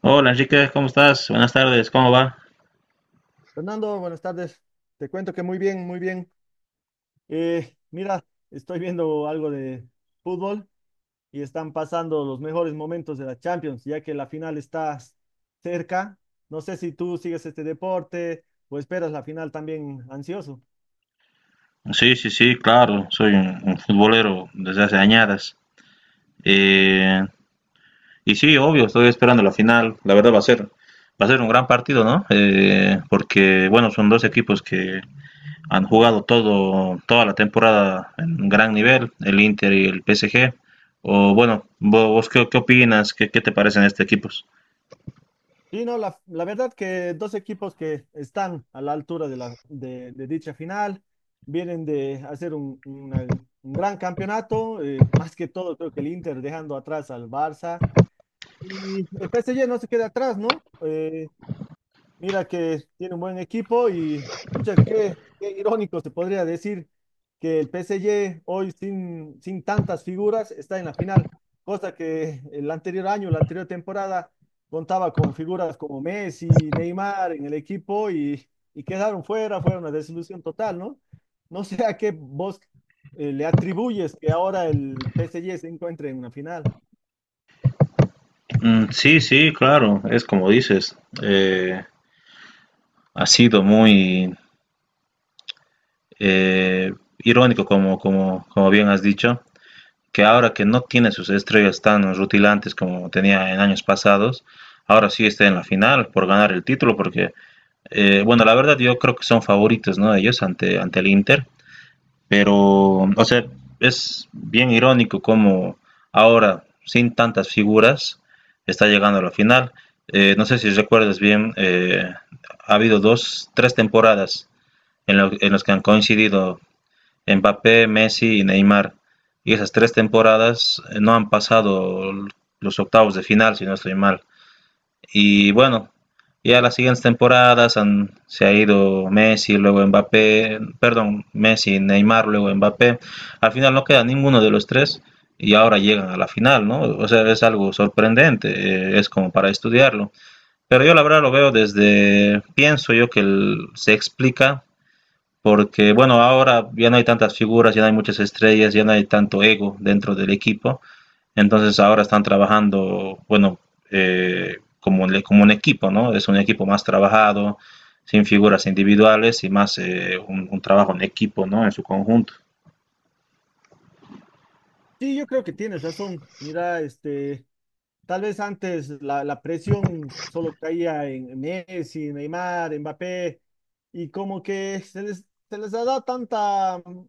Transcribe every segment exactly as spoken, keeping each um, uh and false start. Hola Enrique, ¿cómo estás? Buenas tardes, ¿cómo va? Fernando, buenas tardes. Te cuento que muy bien, muy bien. Eh, mira, estoy viendo algo de fútbol y están pasando los mejores momentos de la Champions, ya que la final está cerca. No sé si tú sigues este deporte o esperas la final también ansioso. Sí, sí, sí, claro, soy un, un futbolero desde hace añadas. Eh, y sí, obvio, estoy esperando la final. La verdad va a ser, va a ser un gran partido, ¿no? Eh, porque, bueno, son dos equipos que han jugado todo, toda la temporada en un gran nivel, el Inter y el P S G. O bueno, vo- vos, qué, qué opinas? ¿Qué, qué te parecen estos equipos? Sí, no, la, la verdad que dos equipos que están a la altura de la, de, de dicha final vienen de hacer un, una- un gran campeonato, eh, más que todo creo que el Inter dejando atrás al Barça. Y el P S G no se queda atrás, ¿no? Eh, mira que tiene un buen equipo y, pucha, qué, qué irónico se podría decir que el P S G hoy sin, sin tantas figuras está en la final, cosa que el anterior año, la anterior temporada, contaba con figuras como Messi, Neymar en el equipo y, y quedaron fuera, fue una desilusión total, ¿no? No sé a qué vos eh, le atribuyes que ahora el P S G se encuentre en una final. Mm, sí, sí, claro, es como dices. eh, Ha sido muy, eh, irónico, como, como, como bien has dicho, que ahora que no tiene sus estrellas tan rutilantes como tenía en años pasados, ahora sí está en la final por ganar el título, porque, eh, bueno, la verdad yo creo que son favoritos, ¿no? Ellos ante, ante el Inter, pero, o sea, es bien irónico como ahora, sin tantas figuras, está llegando a la final. Eh, no sé si recuerdas bien, eh, ha habido dos, tres temporadas en, lo, en las que han coincidido Mbappé, Messi y Neymar. Y esas tres temporadas eh, no han pasado los octavos de final, si no estoy mal. Y bueno, ya las siguientes temporadas han, se ha ido Messi, luego Mbappé, perdón, Messi, Neymar, luego Mbappé. Al final no queda ninguno de los tres y ahora llegan a la final, ¿no? O sea, es algo sorprendente, eh, es como para estudiarlo. Pero yo la verdad lo veo desde, pienso yo que el, se explica porque bueno, ahora ya no hay tantas figuras, ya no hay muchas estrellas, ya no hay tanto ego dentro del equipo, entonces ahora están trabajando, bueno, eh, como, le- como un equipo, ¿no? Es un equipo más trabajado, sin figuras individuales y más eh, un, un trabajo en equipo, ¿no? En su conjunto. Sí, yo creo que tienes razón. Mira, este, tal vez antes la, la presión solo caía en Messi, Neymar, Mbappé, y como que se les, se les ha dado tanta, mm,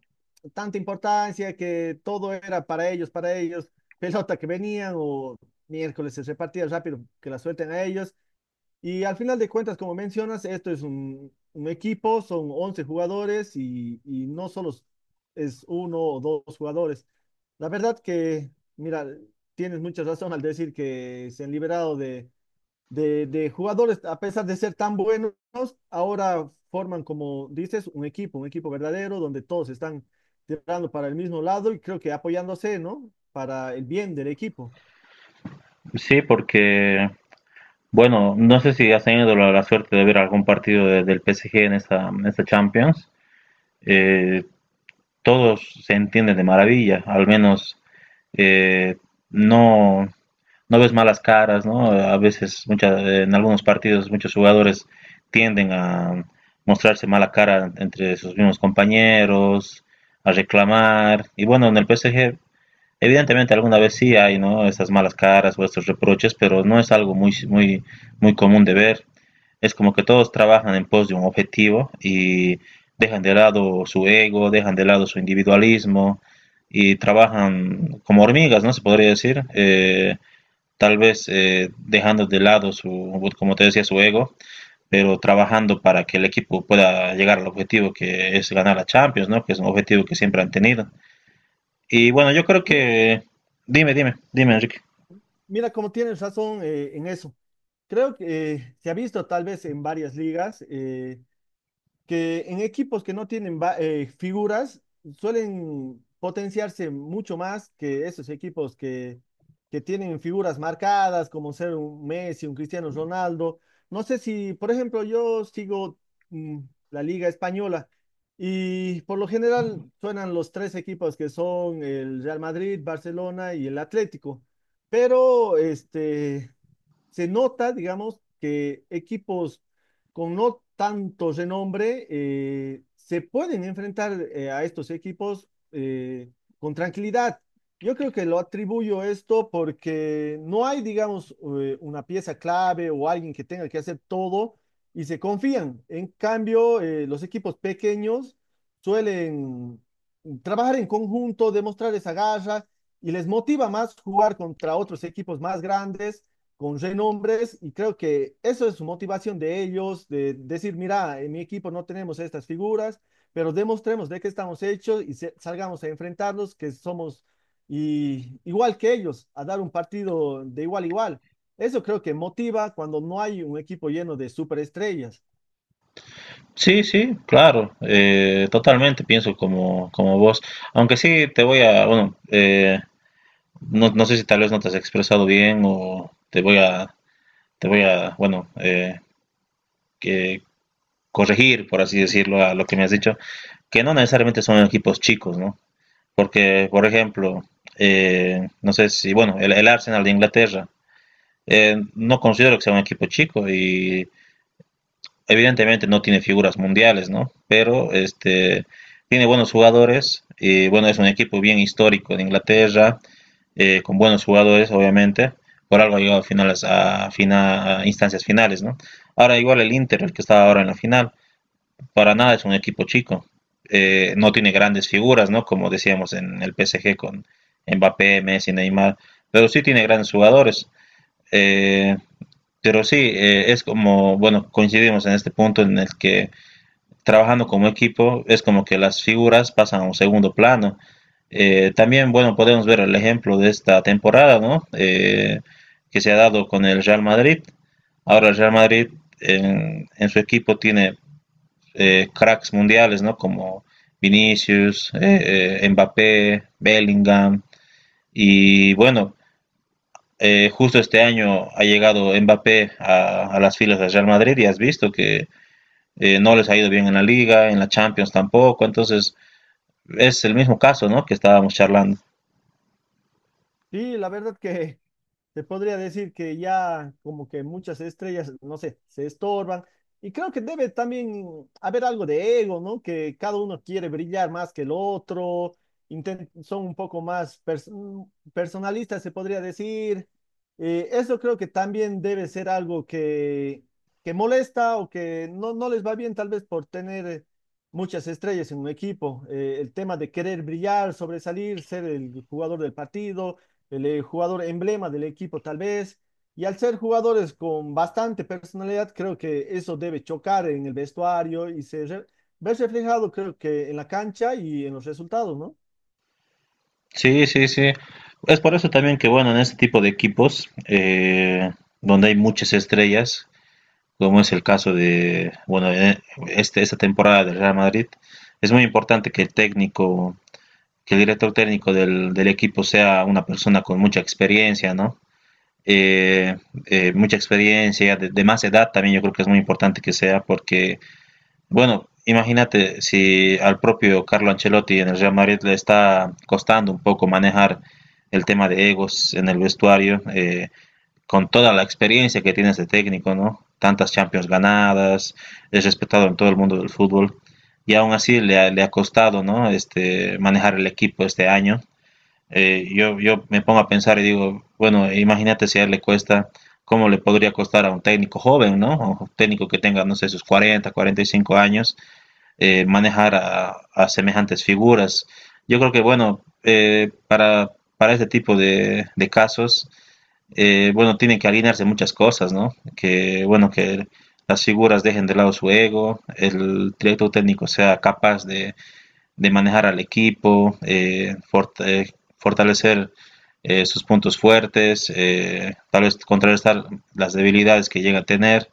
tanta importancia que todo era para ellos, para ellos, pelota que venían o miércoles se repartía rápido, que la suelten a ellos. Y al final de cuentas, como mencionas, esto es un, un equipo, son once jugadores y, y no solo es uno o dos jugadores. La verdad que, mira, tienes mucha razón al decir que se han liberado de, de, de jugadores, a pesar de ser tan buenos, ahora forman, como dices, un equipo, un equipo verdadero donde todos están tirando para el mismo lado y creo que apoyándose, ¿no? Para el bien del equipo. Sí, porque, bueno, no sé si has tenido la, la suerte de ver algún partido de- del P S G en esta, en esta Champions. Eh, Todos se entienden de maravilla, al menos eh, no, no ves malas caras, ¿no? A veces, mucha, en algunos partidos, muchos jugadores tienden a mostrarse mala cara entre sus mismos compañeros, a reclamar. Y bueno, en el P S G, evidentemente alguna vez sí hay, ¿no? Estas malas caras o estos reproches, pero no es algo muy, muy, muy común de ver. Es como que todos trabajan en pos de un objetivo y dejan de lado su ego, dejan de lado su individualismo y trabajan como hormigas, ¿no? Se podría decir. Eh, tal vez eh, dejando de lado su, como te decía, su ego, pero trabajando para que el equipo pueda llegar al objetivo que es ganar la Champions, ¿no? Que es un objetivo que siempre han tenido. Y bueno, yo creo Sí, que, dime, dime, dime, Enrique. mira, como tienes razón eh, en eso. Creo que eh, se ha visto tal vez en varias ligas eh, que en equipos que no tienen va- eh, figuras suelen potenciarse mucho más que esos equipos que, que tienen figuras marcadas como ser un Messi, un Cristiano Ronaldo. No sé si, por ejemplo, yo sigo mm, la liga española y por lo general suenan los tres equipos que son el Real Madrid, Barcelona y el Atlético. Pero este, se nota, digamos, que equipos con no tanto renombre eh, se pueden enfrentar eh, a estos equipos eh, con tranquilidad. Yo creo que lo atribuyo esto porque no hay, digamos, eh, una pieza clave o alguien que tenga que hacer todo y se confían. En cambio, eh, los equipos pequeños suelen trabajar en conjunto, demostrar esa garra y les motiva más jugar contra otros equipos más grandes con renombres y creo que eso es su motivación de ellos, de decir, mira, en mi equipo no tenemos estas figuras, pero demostremos de qué estamos hechos y se- salgamos a enfrentarlos, que somos y- igual que ellos, a dar un partido de igual a igual. Eso creo que motiva cuando no hay un equipo lleno de superestrellas. Sí, sí, claro, eh, totalmente pienso como, como vos, aunque sí te voy a, bueno, eh, no, no sé si tal vez no te has expresado bien o te voy a, te voy a, bueno, eh, que corregir, por así decirlo, a lo que me has dicho, que no necesariamente son equipos chicos, ¿no? Porque, por ejemplo, eh, no sé si, bueno, el, el Arsenal de Inglaterra, eh, no considero que sea un equipo chico y evidentemente no tiene figuras mundiales, ¿no? Pero este tiene buenos jugadores y bueno, es un equipo bien histórico de Inglaterra, eh, con buenos jugadores, obviamente. Por algo ha llegado a finales, a, fina, a instancias finales, ¿no? Ahora igual el Inter, el que está ahora en la final, para nada es un equipo chico, eh, no tiene grandes figuras, ¿no? Como decíamos en el P S G con Mbappé, Messi, Neymar, pero sí tiene grandes jugadores. Eh, pero sí, eh, es como, bueno, coincidimos en este punto en el que trabajando como equipo es como que las figuras pasan a un segundo plano. Eh, también, bueno, podemos ver el ejemplo de esta temporada, ¿no? Eh, que se ha dado con el Real Madrid. Ahora el Real Madrid en, en su equipo tiene eh, cracks mundiales, ¿no? Como Vinicius, eh, eh, Mbappé, Bellingham. Y bueno, eh, justo este año ha llegado Mbappé a, a, las filas del Real Madrid y has visto que eh, no les ha ido bien en la liga, en la Champions tampoco, entonces es el mismo caso, ¿no? Que estábamos charlando. Sí, la verdad que se podría decir que ya como que muchas estrellas, no sé, se estorban. Y creo que debe también haber algo de ego, ¿no? Que cada uno quiere brillar más que el otro, inten- son un poco más pers- mm, personalistas, se podría decir. Eh, eso creo que también debe ser algo que, que molesta o que no, no les va bien tal vez por tener muchas estrellas en un equipo. Eh, el tema de querer brillar, sobresalir, ser el jugador del partido, el eh, jugador emblema del equipo tal vez. Y al ser jugadores con bastante personalidad, creo que eso debe chocar en el vestuario y se re- ver reflejado, creo que en la cancha y en los resultados, ¿no? Sí, sí, sí. Es por eso también que, bueno, en este tipo de equipos, eh, donde hay muchas estrellas, como es el caso de, bueno, eh, este, esta temporada del Real Madrid, es muy importante que el técnico, que el director técnico del, del equipo sea una persona con mucha experiencia, ¿no? Eh, eh, mucha experiencia, de, de más edad también yo creo que es muy importante que sea, porque, bueno, imagínate si al propio Carlo Ancelotti en el Real Madrid le está costando un poco manejar el tema de egos en el vestuario. Eh, con toda la experiencia que tiene este técnico, ¿no? Tantas Champions ganadas, es respetado en todo el mundo del fútbol y aún así le ha, le ha costado, ¿no? Este, manejar el equipo este año. Eh, yo, yo me pongo a pensar y digo, bueno, imagínate si a él le cuesta, ¿cómo le podría costar a un técnico joven, ¿no? O un técnico que tenga, no sé, sus cuarenta, cuarenta y cinco años, eh, manejar a, a, semejantes figuras. Yo creo que, bueno, eh, para, para este tipo de, de casos, eh, bueno, tienen que alinearse muchas cosas, ¿no? Que, bueno, que las figuras dejen de lado su ego, el director técnico sea capaz de, de manejar al equipo, eh, fort- eh, fortalecer eh, sus puntos fuertes, eh, tal vez contrarrestar las debilidades que llega a tener.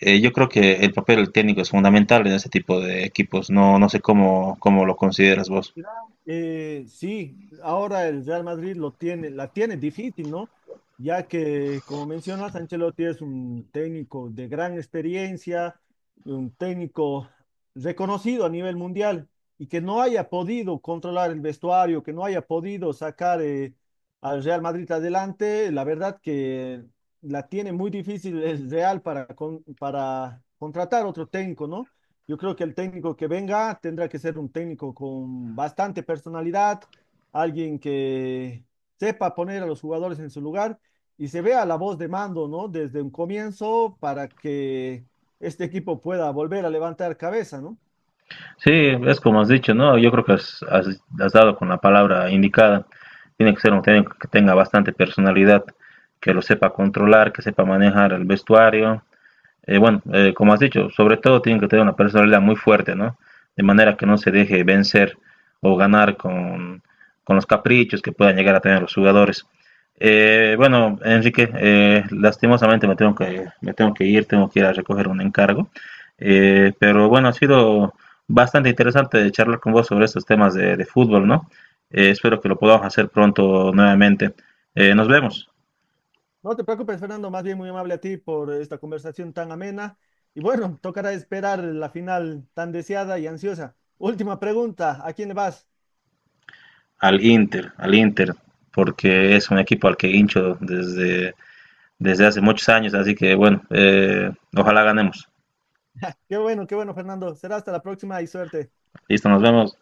Eh, yo creo que el papel del técnico es fundamental en este tipo de equipos. No, no sé cómo, cómo lo consideras vos. Claro, eh, sí, ahora el Real Madrid lo tiene, la tiene difícil, ¿no? Ya que, como mencionas, Ancelotti es un técnico de gran experiencia, un técnico reconocido a nivel mundial y que no haya podido controlar el vestuario, que no haya podido sacar eh, al Real Madrid adelante, la verdad que la tiene muy difícil el Real para, con- para contratar otro técnico, ¿no? Yo creo que el técnico que venga tendrá que ser un técnico con bastante personalidad, alguien que sepa poner a los jugadores en su lugar y se vea la voz de mando, ¿no? Desde un comienzo para que este equipo pueda volver a levantar cabeza, ¿no? Sí, es como has dicho, ¿no? Yo creo que has, has- has dado con la palabra indicada. Tiene que ser un técnico que tenga bastante personalidad, que lo sepa controlar, que sepa manejar el vestuario, eh, bueno, eh, como has dicho, sobre todo tienen que tener una personalidad muy fuerte, ¿no? De manera que no se deje vencer o ganar con, con los caprichos que puedan llegar a tener los jugadores. Eh, bueno, Enrique, eh, lastimosamente me tengo que, me tengo que ir, tengo que ir a recoger un encargo. Eh, pero bueno, ha sido bastante interesante charlar con vos sobre estos temas de, de fútbol, ¿no? Eh, espero que lo podamos hacer pronto nuevamente. Eh, nos vemos. No te preocupes, Fernando, más bien muy amable a ti por esta conversación tan amena. Y bueno, tocará esperar la final tan deseada y ansiosa. Última pregunta, ¿a quién le vas? Al Inter, al Inter, porque es un equipo al que hincho desde, desde hace muchos años, así que bueno, eh, ojalá ganemos. Qué bueno, qué bueno, Fernando. Será hasta la próxima y suerte. Listo, nos vemos.